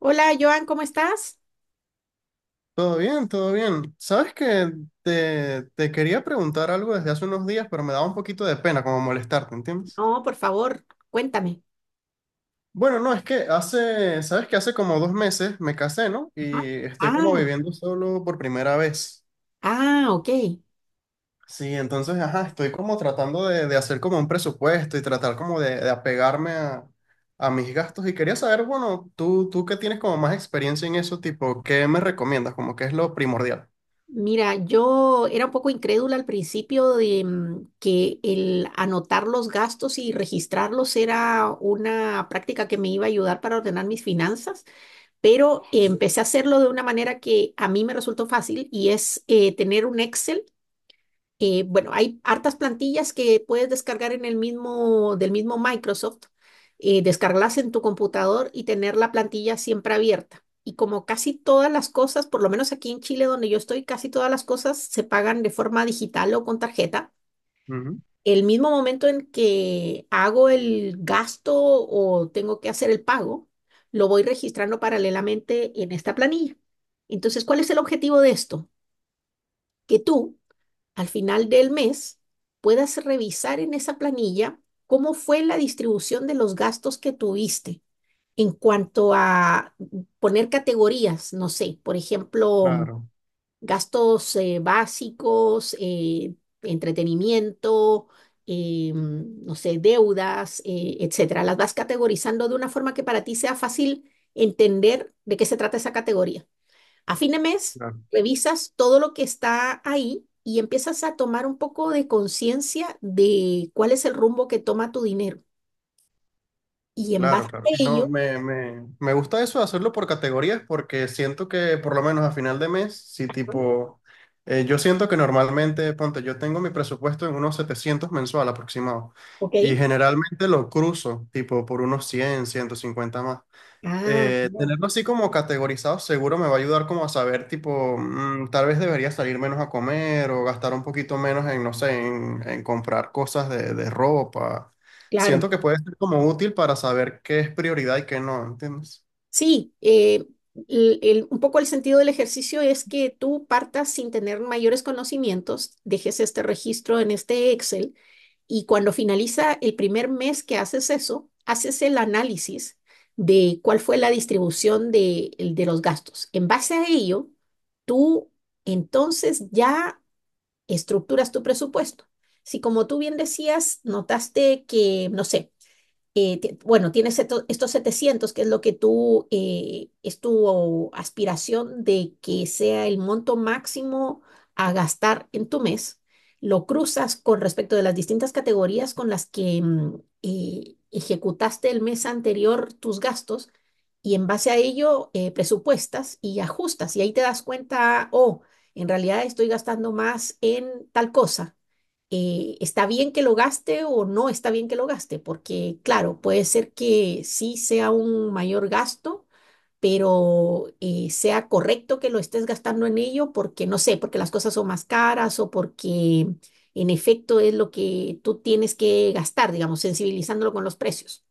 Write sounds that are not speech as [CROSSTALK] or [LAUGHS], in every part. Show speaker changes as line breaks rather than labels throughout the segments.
Hola, Joan, ¿cómo estás?
Todo bien, todo bien. Sabes que te quería preguntar algo desde hace unos días, pero me daba un poquito de pena como molestarte, ¿entiendes?
No, por favor, cuéntame.
Bueno, no, es que sabes que hace como 2 meses me casé, ¿no?
Ajá.
Y estoy como
Ah,
viviendo solo por primera vez.
ah, ok.
Sí, entonces, ajá, estoy como tratando de hacer como un presupuesto y tratar como de apegarme a mis gastos. Y quería saber, bueno, tú que tienes como más experiencia en eso, tipo, ¿qué me recomiendas? Como que es lo primordial.
Mira, yo era un poco incrédula al principio de que el anotar los gastos y registrarlos era una práctica que me iba a ayudar para ordenar mis finanzas, pero empecé a hacerlo de una manera que a mí me resultó fácil y es tener un Excel. Bueno, hay hartas plantillas que puedes descargar en del mismo Microsoft, descargarlas en tu computador y tener la plantilla siempre abierta. Y como casi todas las cosas, por lo menos aquí en Chile donde yo estoy, casi todas las cosas se pagan de forma digital o con tarjeta.
Ujú.
El mismo momento en que hago el gasto o tengo que hacer el pago, lo voy registrando paralelamente en esta planilla. Entonces, ¿cuál es el objetivo de esto? Que tú al final del mes puedas revisar en esa planilla cómo fue la distribución de los gastos que tuviste en cuanto a poner categorías, no sé, por ejemplo,
Claro,
gastos básicos, entretenimiento. Eh, no sé, deudas, etcétera. Las vas categorizando de una forma que para ti sea fácil entender de qué se trata esa categoría. A fin de mes,
claro.
revisas todo lo que está ahí y empiezas a tomar un poco de conciencia de cuál es el rumbo que toma tu dinero. Y en
Claro,
base a
claro. No,
ello,
me gusta eso de hacerlo por categorías porque siento que por lo menos a final de mes, si
Ah,
tipo, yo siento que normalmente, ponte, yo tengo mi presupuesto en unos 700 mensual aproximado
¿ok?
y generalmente lo cruzo tipo por unos 100, 150 más.
Ah,
Eh,
no,
tenerlo así como categorizado seguro me va a ayudar como a saber, tipo, tal vez debería salir menos a comer o gastar un poquito menos en, no sé, en comprar cosas de ropa.
claro.
Siento que puede ser como útil para saber qué es prioridad y qué no, ¿entiendes?
Sí, un poco el sentido del ejercicio es que tú partas sin tener mayores conocimientos, dejes este registro en este Excel. Y cuando finaliza el primer mes que haces eso, haces el análisis de cuál fue la distribución de los gastos. En base a ello, tú entonces ya estructuras tu presupuesto. Si como tú bien decías, notaste que, no sé, bueno, tienes estos 700, que es lo que tú, es tu aspiración de que sea el monto máximo a gastar en tu mes, lo cruzas con respecto de las distintas categorías con las que ejecutaste el mes anterior tus gastos y en base a ello presupuestas y ajustas y ahí te das cuenta, oh, en realidad estoy gastando más en tal cosa. ¿Está bien que lo gaste o no está bien que lo gaste? Porque, claro, puede ser que sí sea un mayor gasto, pero sea correcto que lo estés gastando en ello porque, no sé, porque las cosas son más caras o porque en efecto es lo que tú tienes que gastar, digamos, sensibilizándolo con los precios.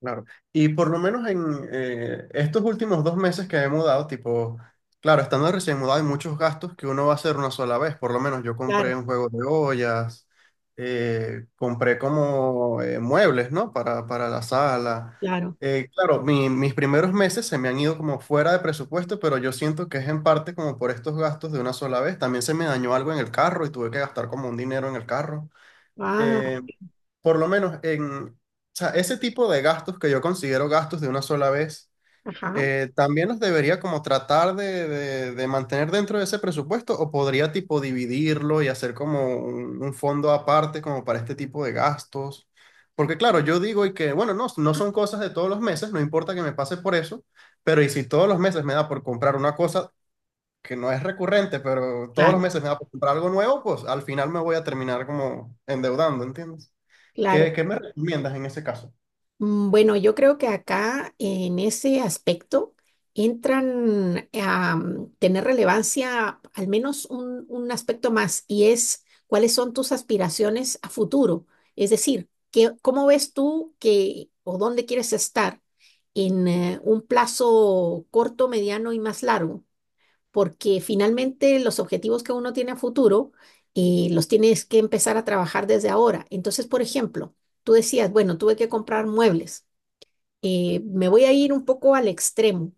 Claro. Y por lo menos en estos últimos 2 meses que he mudado, tipo, claro, estando recién mudado hay muchos gastos que uno va a hacer una sola vez. Por lo menos yo compré
Claro,
un juego de ollas, compré como muebles, ¿no? Para la sala.
claro.
Claro, mis primeros meses se me han ido como fuera de presupuesto, pero yo siento que es en parte como por estos gastos de una sola vez. También se me dañó algo en el carro y tuve que gastar como un dinero en el carro,
Ah,
eh, por lo menos en, o sea, ese tipo de gastos que yo considero gastos de una sola vez,
ajá,
también los debería como tratar de mantener dentro de ese presupuesto o podría tipo dividirlo y hacer como un fondo aparte como para este tipo de gastos. Porque claro, yo digo y que, bueno, no, no son cosas de todos los meses, no importa que me pase por eso, pero y si todos los meses me da por comprar una cosa que no es recurrente, pero todos
claro,
los meses me da por comprar algo nuevo, pues al final me voy a terminar como endeudando, ¿entiendes?
claro.
¿Qué me recomiendas en ese caso?
Bueno, yo creo que acá en ese aspecto entran a tener relevancia al menos un aspecto más y es cuáles son tus aspiraciones a futuro. Es decir, que, ¿cómo ves tú que o dónde quieres estar en un plazo corto, mediano y más largo? Porque finalmente los objetivos que uno tiene a futuro los tienes que empezar a trabajar desde ahora. Entonces, por ejemplo, tú decías, bueno, tuve que comprar muebles. Me voy a ir un poco al extremo.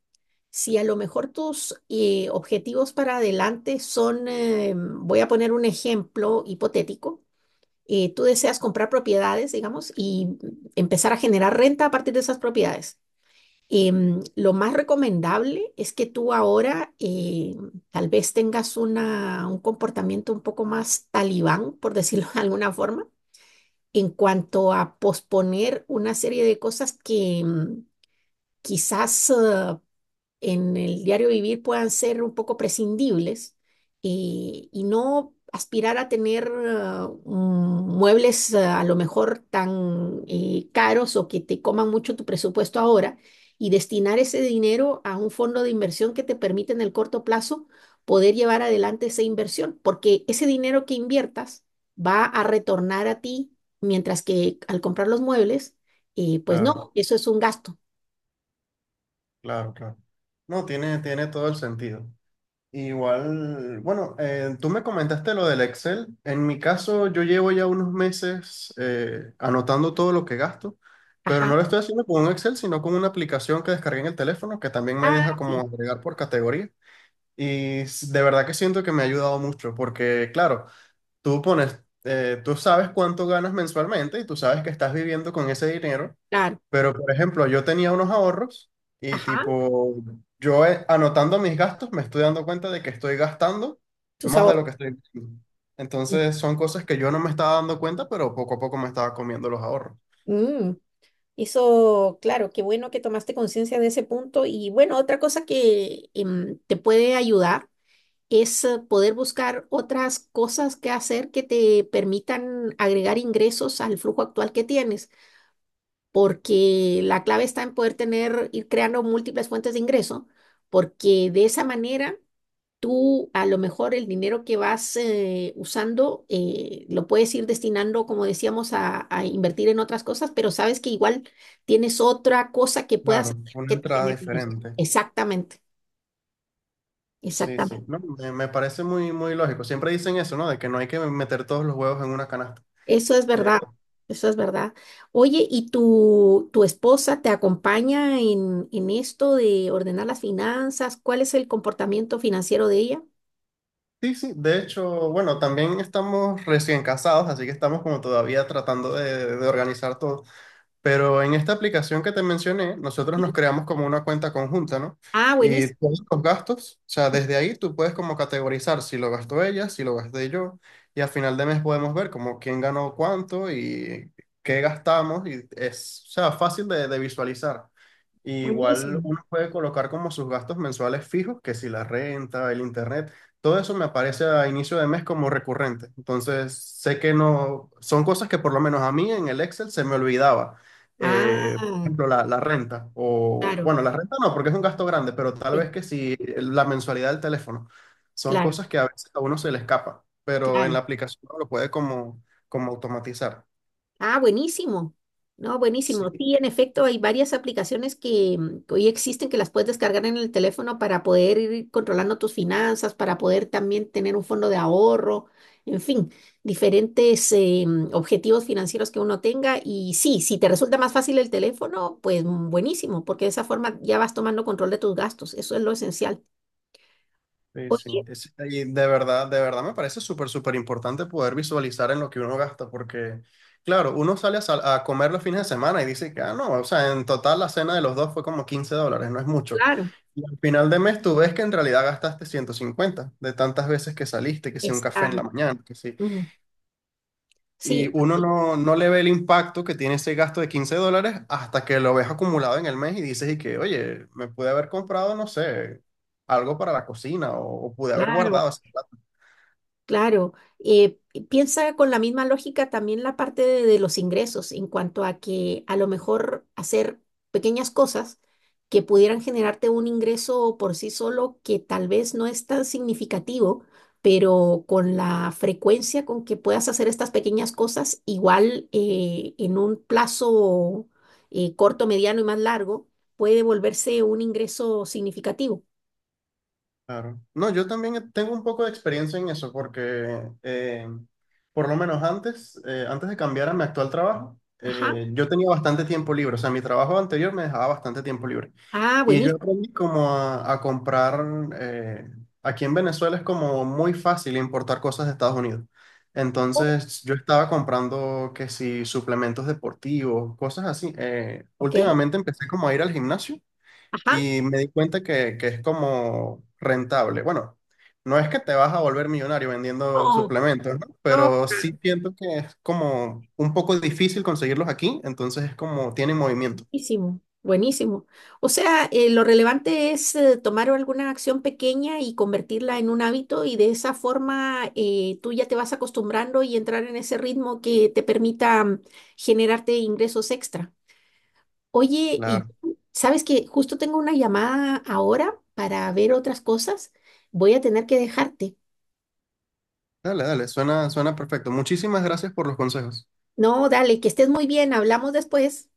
Si a lo mejor tus objetivos para adelante son, voy a poner un ejemplo hipotético, tú deseas comprar propiedades, digamos, y empezar a generar renta a partir de esas propiedades. Lo más recomendable es que tú ahora tal vez tengas un comportamiento un poco más talibán, por decirlo [LAUGHS] de alguna forma, en cuanto a posponer una serie de cosas que quizás en el diario vivir puedan ser un poco prescindibles, y no aspirar a tener muebles a lo mejor tan caros o que te coman mucho tu presupuesto ahora y destinar ese dinero a un fondo de inversión que te permite en el corto plazo poder llevar adelante esa inversión, porque ese dinero que inviertas va a retornar a ti, mientras que al comprar los muebles, pues
Claro,
no, eso es un gasto.
claro, claro. No, tiene todo el sentido. Igual, bueno, tú me comentaste lo del Excel. En mi caso, yo llevo ya unos meses anotando todo lo que gasto, pero no
Ajá.
lo estoy haciendo con un Excel, sino con una aplicación que descargué en el teléfono que también me
Ah,
deja como
sí,
agregar por categoría. Y de verdad que siento que me ha ayudado mucho, porque claro, tú pones, tú sabes cuánto ganas mensualmente y tú sabes que estás viviendo con ese dinero.
claro.
Pero, por ejemplo, yo tenía unos ahorros y
Ajá,
tipo, yo anotando mis gastos me estoy dando cuenta de que estoy gastando
tus
más de lo
ahorros.
que estoy invirtiendo. Entonces son cosas que yo no me estaba dando cuenta, pero poco a poco me estaba comiendo los ahorros.
Mm, Eso, claro, qué bueno que tomaste conciencia de ese punto. Y bueno, otra cosa que te puede ayudar es poder buscar otras cosas que hacer que te permitan agregar ingresos al flujo actual que tienes, porque la clave está en poder tener, ir creando múltiples fuentes de ingreso, porque de esa manera tú a lo mejor el dinero que vas usando lo puedes ir destinando, como decíamos, a invertir en otras cosas, pero sabes que igual tienes otra cosa que puedas
Claro,
hacer
una
que te
entrada
genere ingresos.
diferente.
Exactamente,
Sí, sí.
exactamente.
No, me parece muy, muy lógico. Siempre dicen eso, ¿no? De que no hay que meter todos los huevos en una canasta.
Eso es
Eh,
verdad, eso es verdad. Oye, ¿y tu esposa te acompaña en esto de ordenar las finanzas? ¿Cuál es el comportamiento financiero de ella?
sí, sí. De hecho, bueno, también estamos recién casados, así que estamos como todavía tratando de organizar todo. Pero en esta aplicación que te mencioné, nosotros nos
Sí.
creamos como una cuenta conjunta, ¿no?
Ah,
Y
buenísimo,
todos los gastos, o sea, desde ahí tú puedes como categorizar si lo gastó ella, si lo gasté yo, y al final de mes podemos ver como quién ganó cuánto y qué gastamos, y es, o sea, fácil de visualizar. Y igual
buenísimo.
uno puede colocar como sus gastos mensuales fijos, que si la renta, el internet, todo eso me aparece a inicio de mes como recurrente. Entonces, sé que no, son cosas que por lo menos a mí en el Excel se me olvidaba,
Ah,
por ejemplo, la renta, o
claro,
bueno, la renta no, porque es un gasto grande, pero tal
sí,
vez que si la mensualidad del teléfono, son
claro,
cosas que a veces a uno se le escapa, pero en la
claro.
aplicación uno lo puede como automatizar.
Ah, buenísimo. No,
Sí.
buenísimo. Sí, en efecto, hay varias aplicaciones que que hoy existen que las puedes descargar en el teléfono para poder ir controlando tus finanzas, para poder también tener un fondo de ahorro, en fin, diferentes objetivos financieros que uno tenga. Y sí, si te resulta más fácil el teléfono, pues buenísimo, porque de esa forma ya vas tomando control de tus gastos. Eso es lo esencial.
Sí, sí.
Oye,
Y de verdad me parece súper, súper importante poder visualizar en lo que uno gasta, porque, claro, uno sale a comer los fines de semana y dice que, ah, no, o sea, en total la cena de los dos fue como $15, no es mucho.
claro,
Y al final de mes tú ves que en realidad gastaste 150 de tantas veces que saliste, que si un café
está.
en la mañana, que sí.
mm,
Y
sí,
uno no le ve el impacto que tiene ese gasto de $15 hasta que lo ves acumulado en el mes y dices y que, oye, me pude haber comprado, no sé, algo para la cocina o pude haber
claro.
guardado.
Claro, eh, piensa con la misma lógica también la parte de los ingresos en cuanto a que a lo mejor hacer pequeñas cosas que pudieran generarte un ingreso por sí solo que tal vez no es tan significativo, pero con la frecuencia con que puedas hacer estas pequeñas cosas, igual en un plazo corto, mediano y más largo, puede volverse un ingreso significativo.
Claro. No, yo también tengo un poco de experiencia en eso, porque por lo menos antes, antes de cambiar a mi actual trabajo,
Ajá.
yo tenía bastante tiempo libre. O sea, mi trabajo anterior me dejaba bastante tiempo libre.
Ah,
Y yo
buenísimo.
aprendí como a, comprar, eh, aquí en Venezuela es como muy fácil importar cosas de Estados Unidos. Entonces yo estaba comprando que si suplementos deportivos, cosas así. Eh,
Ok.
últimamente empecé como a ir al gimnasio
Ajá.
y me di cuenta que es como rentable. Bueno, no es que te vas a volver millonario vendiendo
Oh,
suplementos, ¿no?
no,
Pero
claro.
sí siento que es como un poco difícil conseguirlos aquí, entonces es como tiene movimiento.
Buenísimo, buenísimo. O sea, lo relevante es tomar alguna acción pequeña y convertirla en un hábito y de esa forma tú ya te vas acostumbrando y entrar en ese ritmo que te permita generarte ingresos extra. Oye, y
Claro.
sabes que justo tengo una llamada ahora para ver otras cosas. Voy a tener que dejarte.
Dale, dale, suena perfecto. Muchísimas gracias por los consejos.
No, dale, que estés muy bien. Hablamos después.